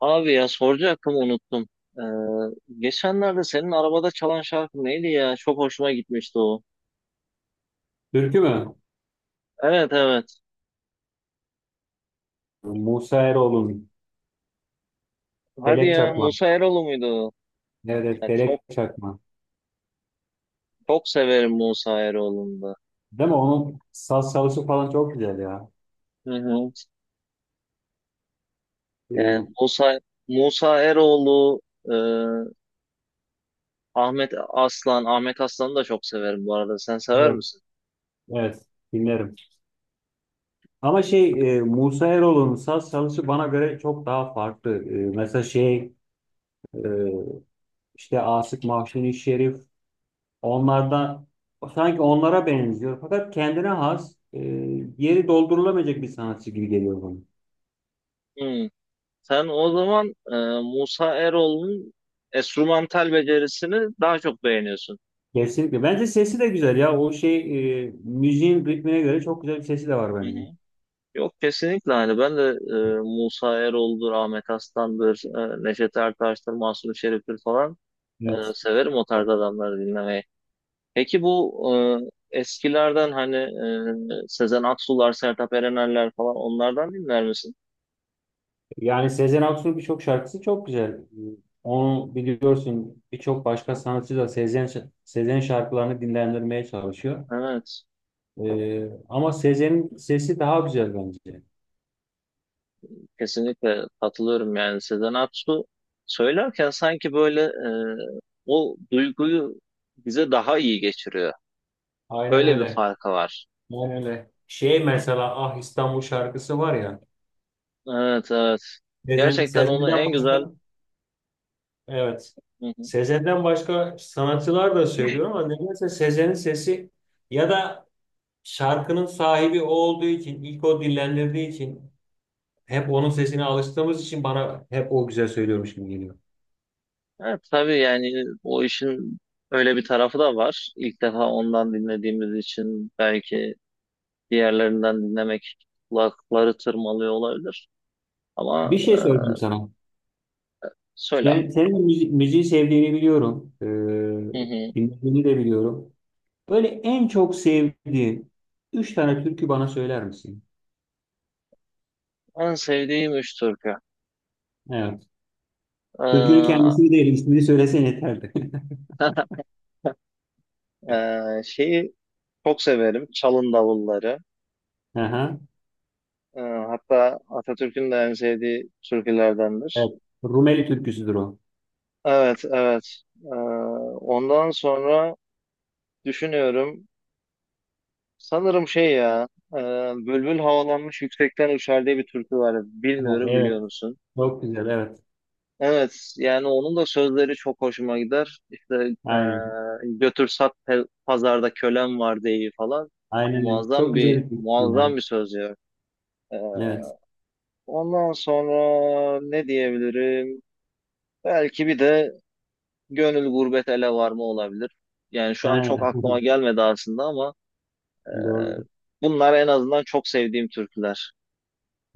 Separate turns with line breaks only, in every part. Abi ya soracaktım unuttum. Ee, geçenlerde senin arabada çalan şarkı neydi ya? Çok hoşuma gitmişti o.
Türkü mü?
Evet evet.
Musa Eroğlu'nun
Hadi
Felek
ya
Çakma.
Musa Eroğlu muydu o?
Evet, evet,
Ya çok
Felek Çakma.
çok severim Musa Eroğlu'nu da.
Değil mi? Onun saz çalışı falan çok güzel ya.
Hı hı. Yani
Ee,
Musa Eroğlu, e, Ahmet Aslan, Ahmet Aslan'ı da çok severim bu arada. Sen sever
evet.
misin?
Evet, dinlerim. Ama Musa Eroğlu'nun saz çalışı bana göre çok daha farklı. Mesela e, işte Asık Mahzuni Şerif, onlardan sanki onlara benziyor. Fakat kendine has, yeri doldurulamayacak bir sanatçı gibi geliyor bana.
Hmm. Sen o zaman Musa Eroğlu'nun enstrümantal becerisini daha çok beğeniyorsun.
Kesinlikle. Bence sesi de güzel ya. O müziğin ritmine göre çok güzel bir sesi de var
Hı
bence.
hı. Yok kesinlikle hani ben de Musa Eroğlu'dur, Ahmet Aslan'dır, Neşet Ertaş'tır, Mahsuni Şerif'tir falan
Evet.
severim o tarz adamları dinlemeyi. Peki bu eskilerden hani Sezen Aksu'lar, Sertab Erener'ler falan onlardan dinler misin?
Yani Sezen Aksu'nun birçok şarkısı çok güzel. Onu biliyorsun birçok başka sanatçı da Sezen şarkılarını dinlendirmeye çalışıyor.
Evet,
Ama Sezen'in sesi daha güzel bence.
kesinlikle katılıyorum yani Sezen Aksu söylerken sanki böyle o duyguyu bize daha iyi geçiriyor.
Aynen
Öyle bir
öyle.
farkı var.
Aynen öyle. Şey mesela Ah İstanbul şarkısı var ya.
Evet, evet.
Sezen,
Gerçekten onu
Sezen'den
en güzel...
başka Evet.
Hı hı.
Sezen'den başka sanatçılar da söylüyorum ama nedense Sezen'in sesi ya da şarkının sahibi o olduğu için, ilk o dillendirdiği için hep onun sesine alıştığımız için bana hep o güzel söylüyormuş gibi geliyor.
Evet tabii yani o işin öyle bir tarafı da var. İlk defa ondan dinlediğimiz için belki diğerlerinden dinlemek kulakları tırmalıyor olabilir. Ama
Bir şey söyleyeyim sana.
söyle abi.
Yani senin müziği sevdiğini biliyorum.
Hı hı.
Dinlediğini de biliyorum. Böyle en çok sevdiğin üç tane türkü bana söyler misin?
En sevdiğim üç türkü.
Evet. Türkünün
Ee,
kendisini değil, ismini söylesen yeterdi.
şeyi çok severim. Çalın davulları.
Aha.
Hatta Atatürk'ün de en sevdiği türkülerdendir.
Evet. Rumeli türküsüdür o.
Evet, evet. Ondan sonra düşünüyorum. Sanırım şey ya, e, bülbül havalanmış yüksekten uçar diye bir türkü var.
Ha,
Bilmiyorum biliyor
evet.
musun?
Çok güzel. Evet.
Evet, yani onun da sözleri çok hoşuma gider. İşte e,
Aynen.
götür sat pazarda kölem var diye falan.
Aynen. öyle.
Muazzam
Çok
bir
güzel bir fikir yani.
muazzam bir söz ya. E,
Evet.
ondan sonra ne diyebilirim? Belki bir de gönül gurbet ele varma olabilir. Yani şu an
Ha.
çok aklıma gelmedi aslında ama e,
Doğru.
bunlar en azından çok sevdiğim türküler.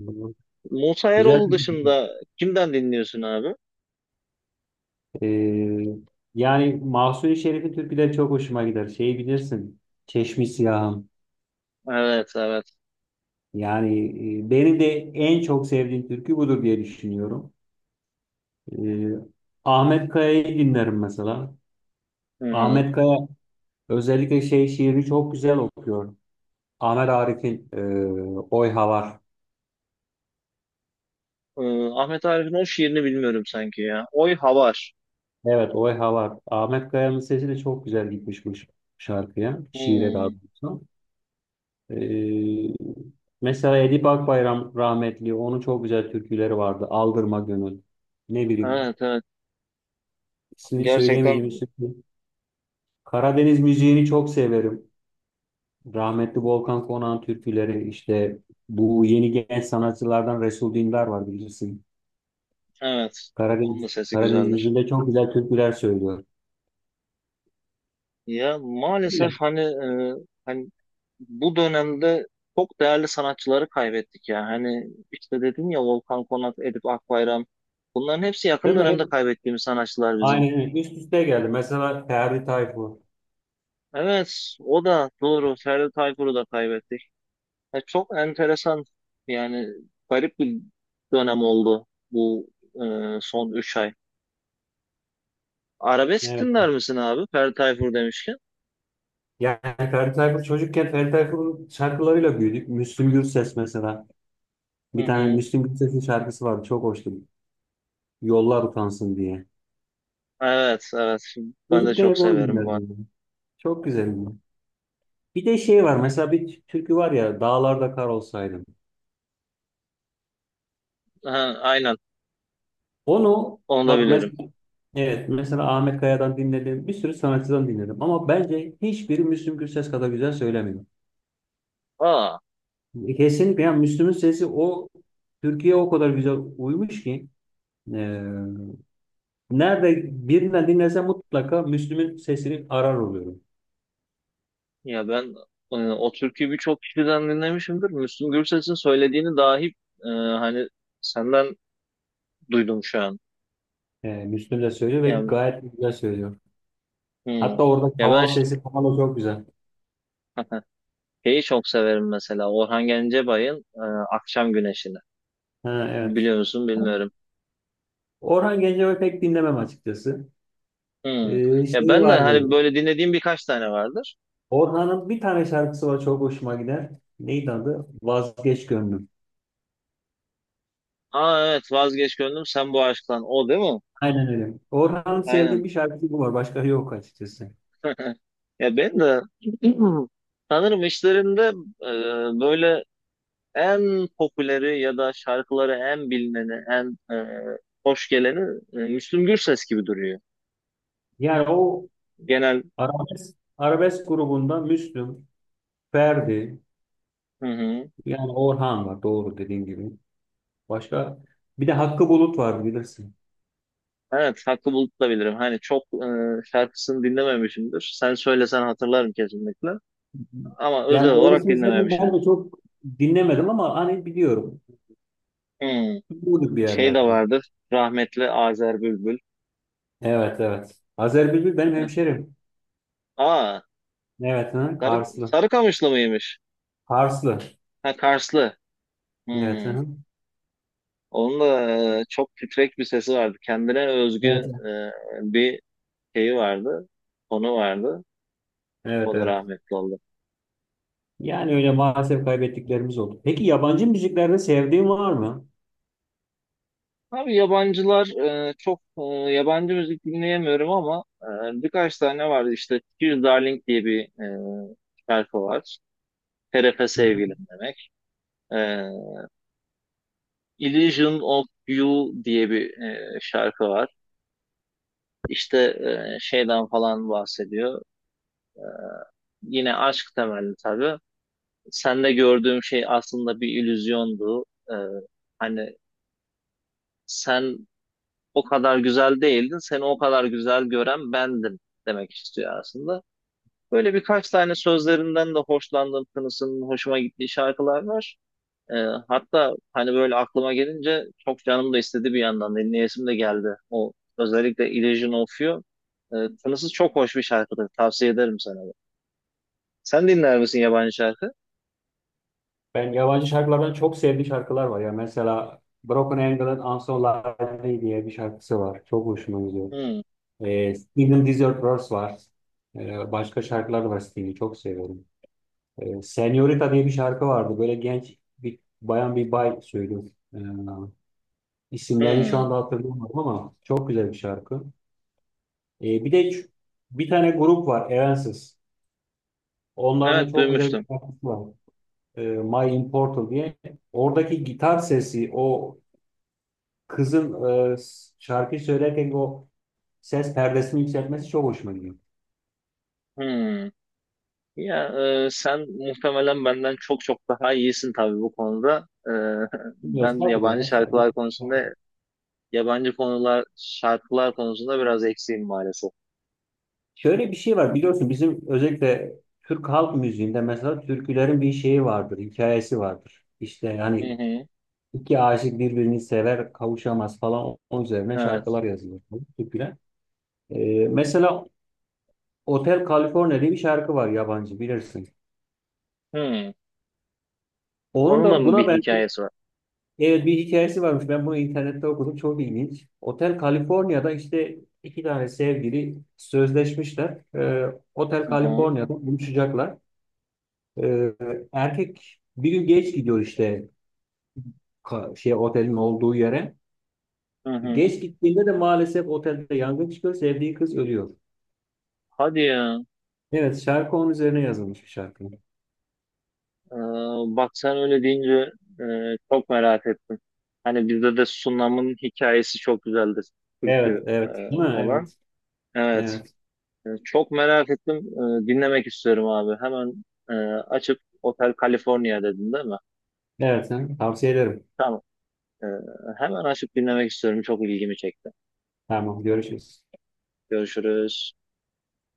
Doğru.
Musa
Güzel
Eroğlu
bir fikir.
dışında kimden dinliyorsun abi?
Ee, yani Mahsuni Şerif'in türküleri çok hoşuma gider. Şeyi bilirsin. Çeşmi Siyahım.
Evet evet.
Yani benim de en çok sevdiğim türkü budur diye düşünüyorum. Ee, Ahmet Kaya'yı dinlerim mesela.
Hı hı.
Ahmet Kaya özellikle şey şiirini çok güzel okuyor. Ahmet Arif'in Oy Havar.
Ee, Ahmet Arif'in o şiirini bilmiyorum sanki ya. Oy Havar.
Evet, o Eha var. Ahmet Kaya'nın sesi de çok güzel gitmiş bu şarkıya, şiire daha
Hmm.
doğrusu. Ee, mesela Edip Akbayram rahmetli, onun çok güzel türküleri vardı. Aldırma Gönül, ne bileyim,
Evet evet.
ismini
Gerçekten
söyleyemeyeceğim türkü. Karadeniz müziğini çok severim. Rahmetli Volkan Konak'ın türküleri, işte bu yeni genç sanatçılardan Resul Dindar var bilirsin.
evet. Onun
Karadeniz,
da sesi
Karadeniz
güzeldir.
müziğinde çok güzel türküler söylüyor.
Ya
Değil
maalesef
mi?
hani bu dönemde çok değerli sanatçıları kaybettik ya. Hani işte dedin ya Volkan Konak, Edip Akbayram. Bunların hepsi yakın
Değil mi? Hep
dönemde kaybettiğimiz sanatçılar bizim.
Aynen öyle. Üst üste geldi. Mesela Ferdi Tayfur.
Evet, o da doğru. Ferdi Tayfur'u da kaybettik. Ya çok enteresan yani garip bir dönem oldu bu son 3 ay. Arabesk
Evet.
dinler misin abi? Ferdi Tayfur demişken.
Yani Ferdi Tayfur çocukken Ferdi Tayfur'un şarkılarıyla büyüdük. Müslüm Gürses mesela.
Hı
Bir tane
hı.
Müslüm Gürses'in şarkısı vardı. Çok hoştu. Yollar utansın diye.
Evet evet ben de
Çocukken
çok
hep onu
severim var.
dinlerdim. Ben. Çok güzeldi. Bir de şey var. Mesela bir türkü var ya. Dağlarda kar olsaydım.
Ha, aynen
Onu
onu da
bak
bilirim.
mesela evet mesela Ahmet Kaya'dan dinledim. Bir sürü sanatçıdan dinledim. Ama bence hiçbiri Müslüm Gürses kadar güzel söylemiyor.
Aa
Kesinlikle yani Müslüm'ün sesi o Türkiye'ye o kadar güzel uymuş ki. Ee, Nerede birinden dinlesem mutlaka Müslüm'ün sesini arar oluyorum.
ya ben o türküyü birçok kişiden dinlemişimdir. Müslüm Gürses'in söylediğini dahi e, hani senden duydum şu an.
Müslüm de söylüyor ve
Yani,
gayet güzel söylüyor.
hı.
Hatta orada
Ya ben
kaval sesi falan da çok güzel.
şeyi çok severim mesela Orhan Gencebay'ın Akşam Güneşi'ni.
Ha, evet.
Biliyor musun bilmiyorum.
Orhan Gencebay'ı pek dinlemem açıkçası.
Hmm. Ya
Şeyi
ben de
vardı.
hani böyle dinlediğim birkaç tane vardır.
Orhan'ın bir tane şarkısı var çok hoşuma gider. Neydi adı? Vazgeç Gönlüm.
Aa evet vazgeç gönlüm sen bu aşktan. O değil mi?
Aynen öyle. Orhan'ın sevdiği
Aynen.
bir şarkısı bu var. Başka yok açıkçası.
Ya ben de sanırım işlerinde böyle en popüleri ya da şarkıları en bilineni, en hoş geleni Müslüm Gürses gibi duruyor.
Yani o
Genel
arabesk grubunda Müslüm, Ferdi,
hı hı.
yani Orhan var doğru dediğin gibi. Başka bir de Hakkı Bulut vardı bilirsin.
Evet Hakkı Bulut da bilirim. Hani çok şarkısını dinlememişimdir. Sen söylesen hatırlarım kesinlikle. Ama özel
Yani
olarak
doğrusunu istedim ben
dinlememişimdir.
de çok dinlemedim ama hani biliyorum.
Hmm.
Bulduk bir
Şey de
yerlerde.
vardır. Rahmetli Azer Bülbül.
Evet evet. Azer Bülbül benim hemşerim.
Aa,
Evet hı,
Sarı,
Karslı.
Sarıkamışlı mıymış?
Karslı.
Ha, Karslı.
Evet
Hmm.
hı.
Onun da çok titrek bir sesi vardı. Kendine özgü
Evet.
bir şeyi vardı. Tonu vardı.
Evet
O da
evet.
rahmetli oldu.
Yani öyle maalesef kaybettiklerimiz oldu. Peki yabancı müziklerde sevdiğin var mı?
Abi yabancılar çok yabancı müzik dinleyemiyorum ama birkaç tane vardı. İşte Tears Darling diye bir e, şarkı var. TRF
Hı hı.
sevgilim demek. E, Illusion of You diye bir şarkı var. İşte şeyden falan bahsediyor. Yine aşk temelli tabii. Sende gördüğüm şey aslında bir illüzyondu. E, hani sen o kadar güzel değildin, seni o kadar güzel gören bendim demek istiyor aslında. Böyle birkaç tane sözlerinden de hoşlandığım, tınısının hoşuma gittiği şarkılar var. E, hatta hani böyle aklıma gelince çok canım da istedi bir yandan. Dinleyesim de geldi. O özellikle Illusion of You. E, tınısı çok hoş bir şarkıdır. Tavsiye ederim sana. Sen dinler misin yabancı şarkı?
Ben yabancı şarkılardan çok sevdiğim şarkılar var ya. Mesela Broken Angel'ın I'm So Lonely diye bir şarkısı var. Çok hoşuma gidiyor.
Hmm,
Steven Desert Verse var. Başka şarkılar da var Steve'i çok seviyorum. Senorita diye bir şarkı vardı. Böyle genç bir bayan bir bay söylüyor. E, isimlerini şu
hmm.
anda hatırlamıyorum ama çok güzel bir şarkı. E, bir de ç- bir tane grup var Evanescence. Onların da
Evet
çok güzel bir
duymuştum.
şarkısı var. My Immortal diye. Oradaki gitar sesi, o kızın şarkı söylerken o ses perdesini yükseltmesi çok hoşuma gidiyor.
Hmm. Ya sen muhtemelen benden çok çok daha iyisin tabii bu konuda. Ben
Estağfurullah
yabancı
ya sadece.
şarkılar konusunda, yabancı konular, şarkılar konusunda biraz eksiğim maalesef.
Şöyle bir şey var biliyorsun bizim özellikle Türk halk müziğinde mesela türkülerin bir şeyi vardır, hikayesi vardır. İşte
Hı
yani
hı.
iki aşık birbirini sever, kavuşamaz falan onun üzerine
Evet.
şarkılar yazılır, türküler. Mesela Otel California diye bir şarkı var yabancı bilirsin.
Hmm.
Onun
Onunla
da
mı
buna
bir
benzer
hikayesi var?
evet, bir hikayesi varmış. Ben bunu internette okudum çok ilginç. Otel California'da işte iki tane sevgili sözleşmişler. Otel
Hı hı.
California'da buluşacaklar. Ee, erkek bir gün geç gidiyor işte şey otelin olduğu yere.
Hı hı.
Geç gittiğinde de maalesef otelde yangın çıkıyor. Sevdiği kız ölüyor.
Hadi ya.
Evet şarkı onun üzerine yazılmış bir şarkı.
Ee, bak sen öyle deyince e, çok merak ettim. Hani bizde de Sunam'ın hikayesi çok güzeldir.
Evet
Türkü
evet. Ha,
olan.
evet.
Evet.
Evet.
Çok merak ettim. Dinlemek istiyorum abi. Hemen açıp Otel California dedin değil mi?
Evet. ha, Tavsiye ederim.
Tamam. E, hemen açıp dinlemek istiyorum. Çok ilgimi çekti.
Tamam görüşürüz.
Görüşürüz.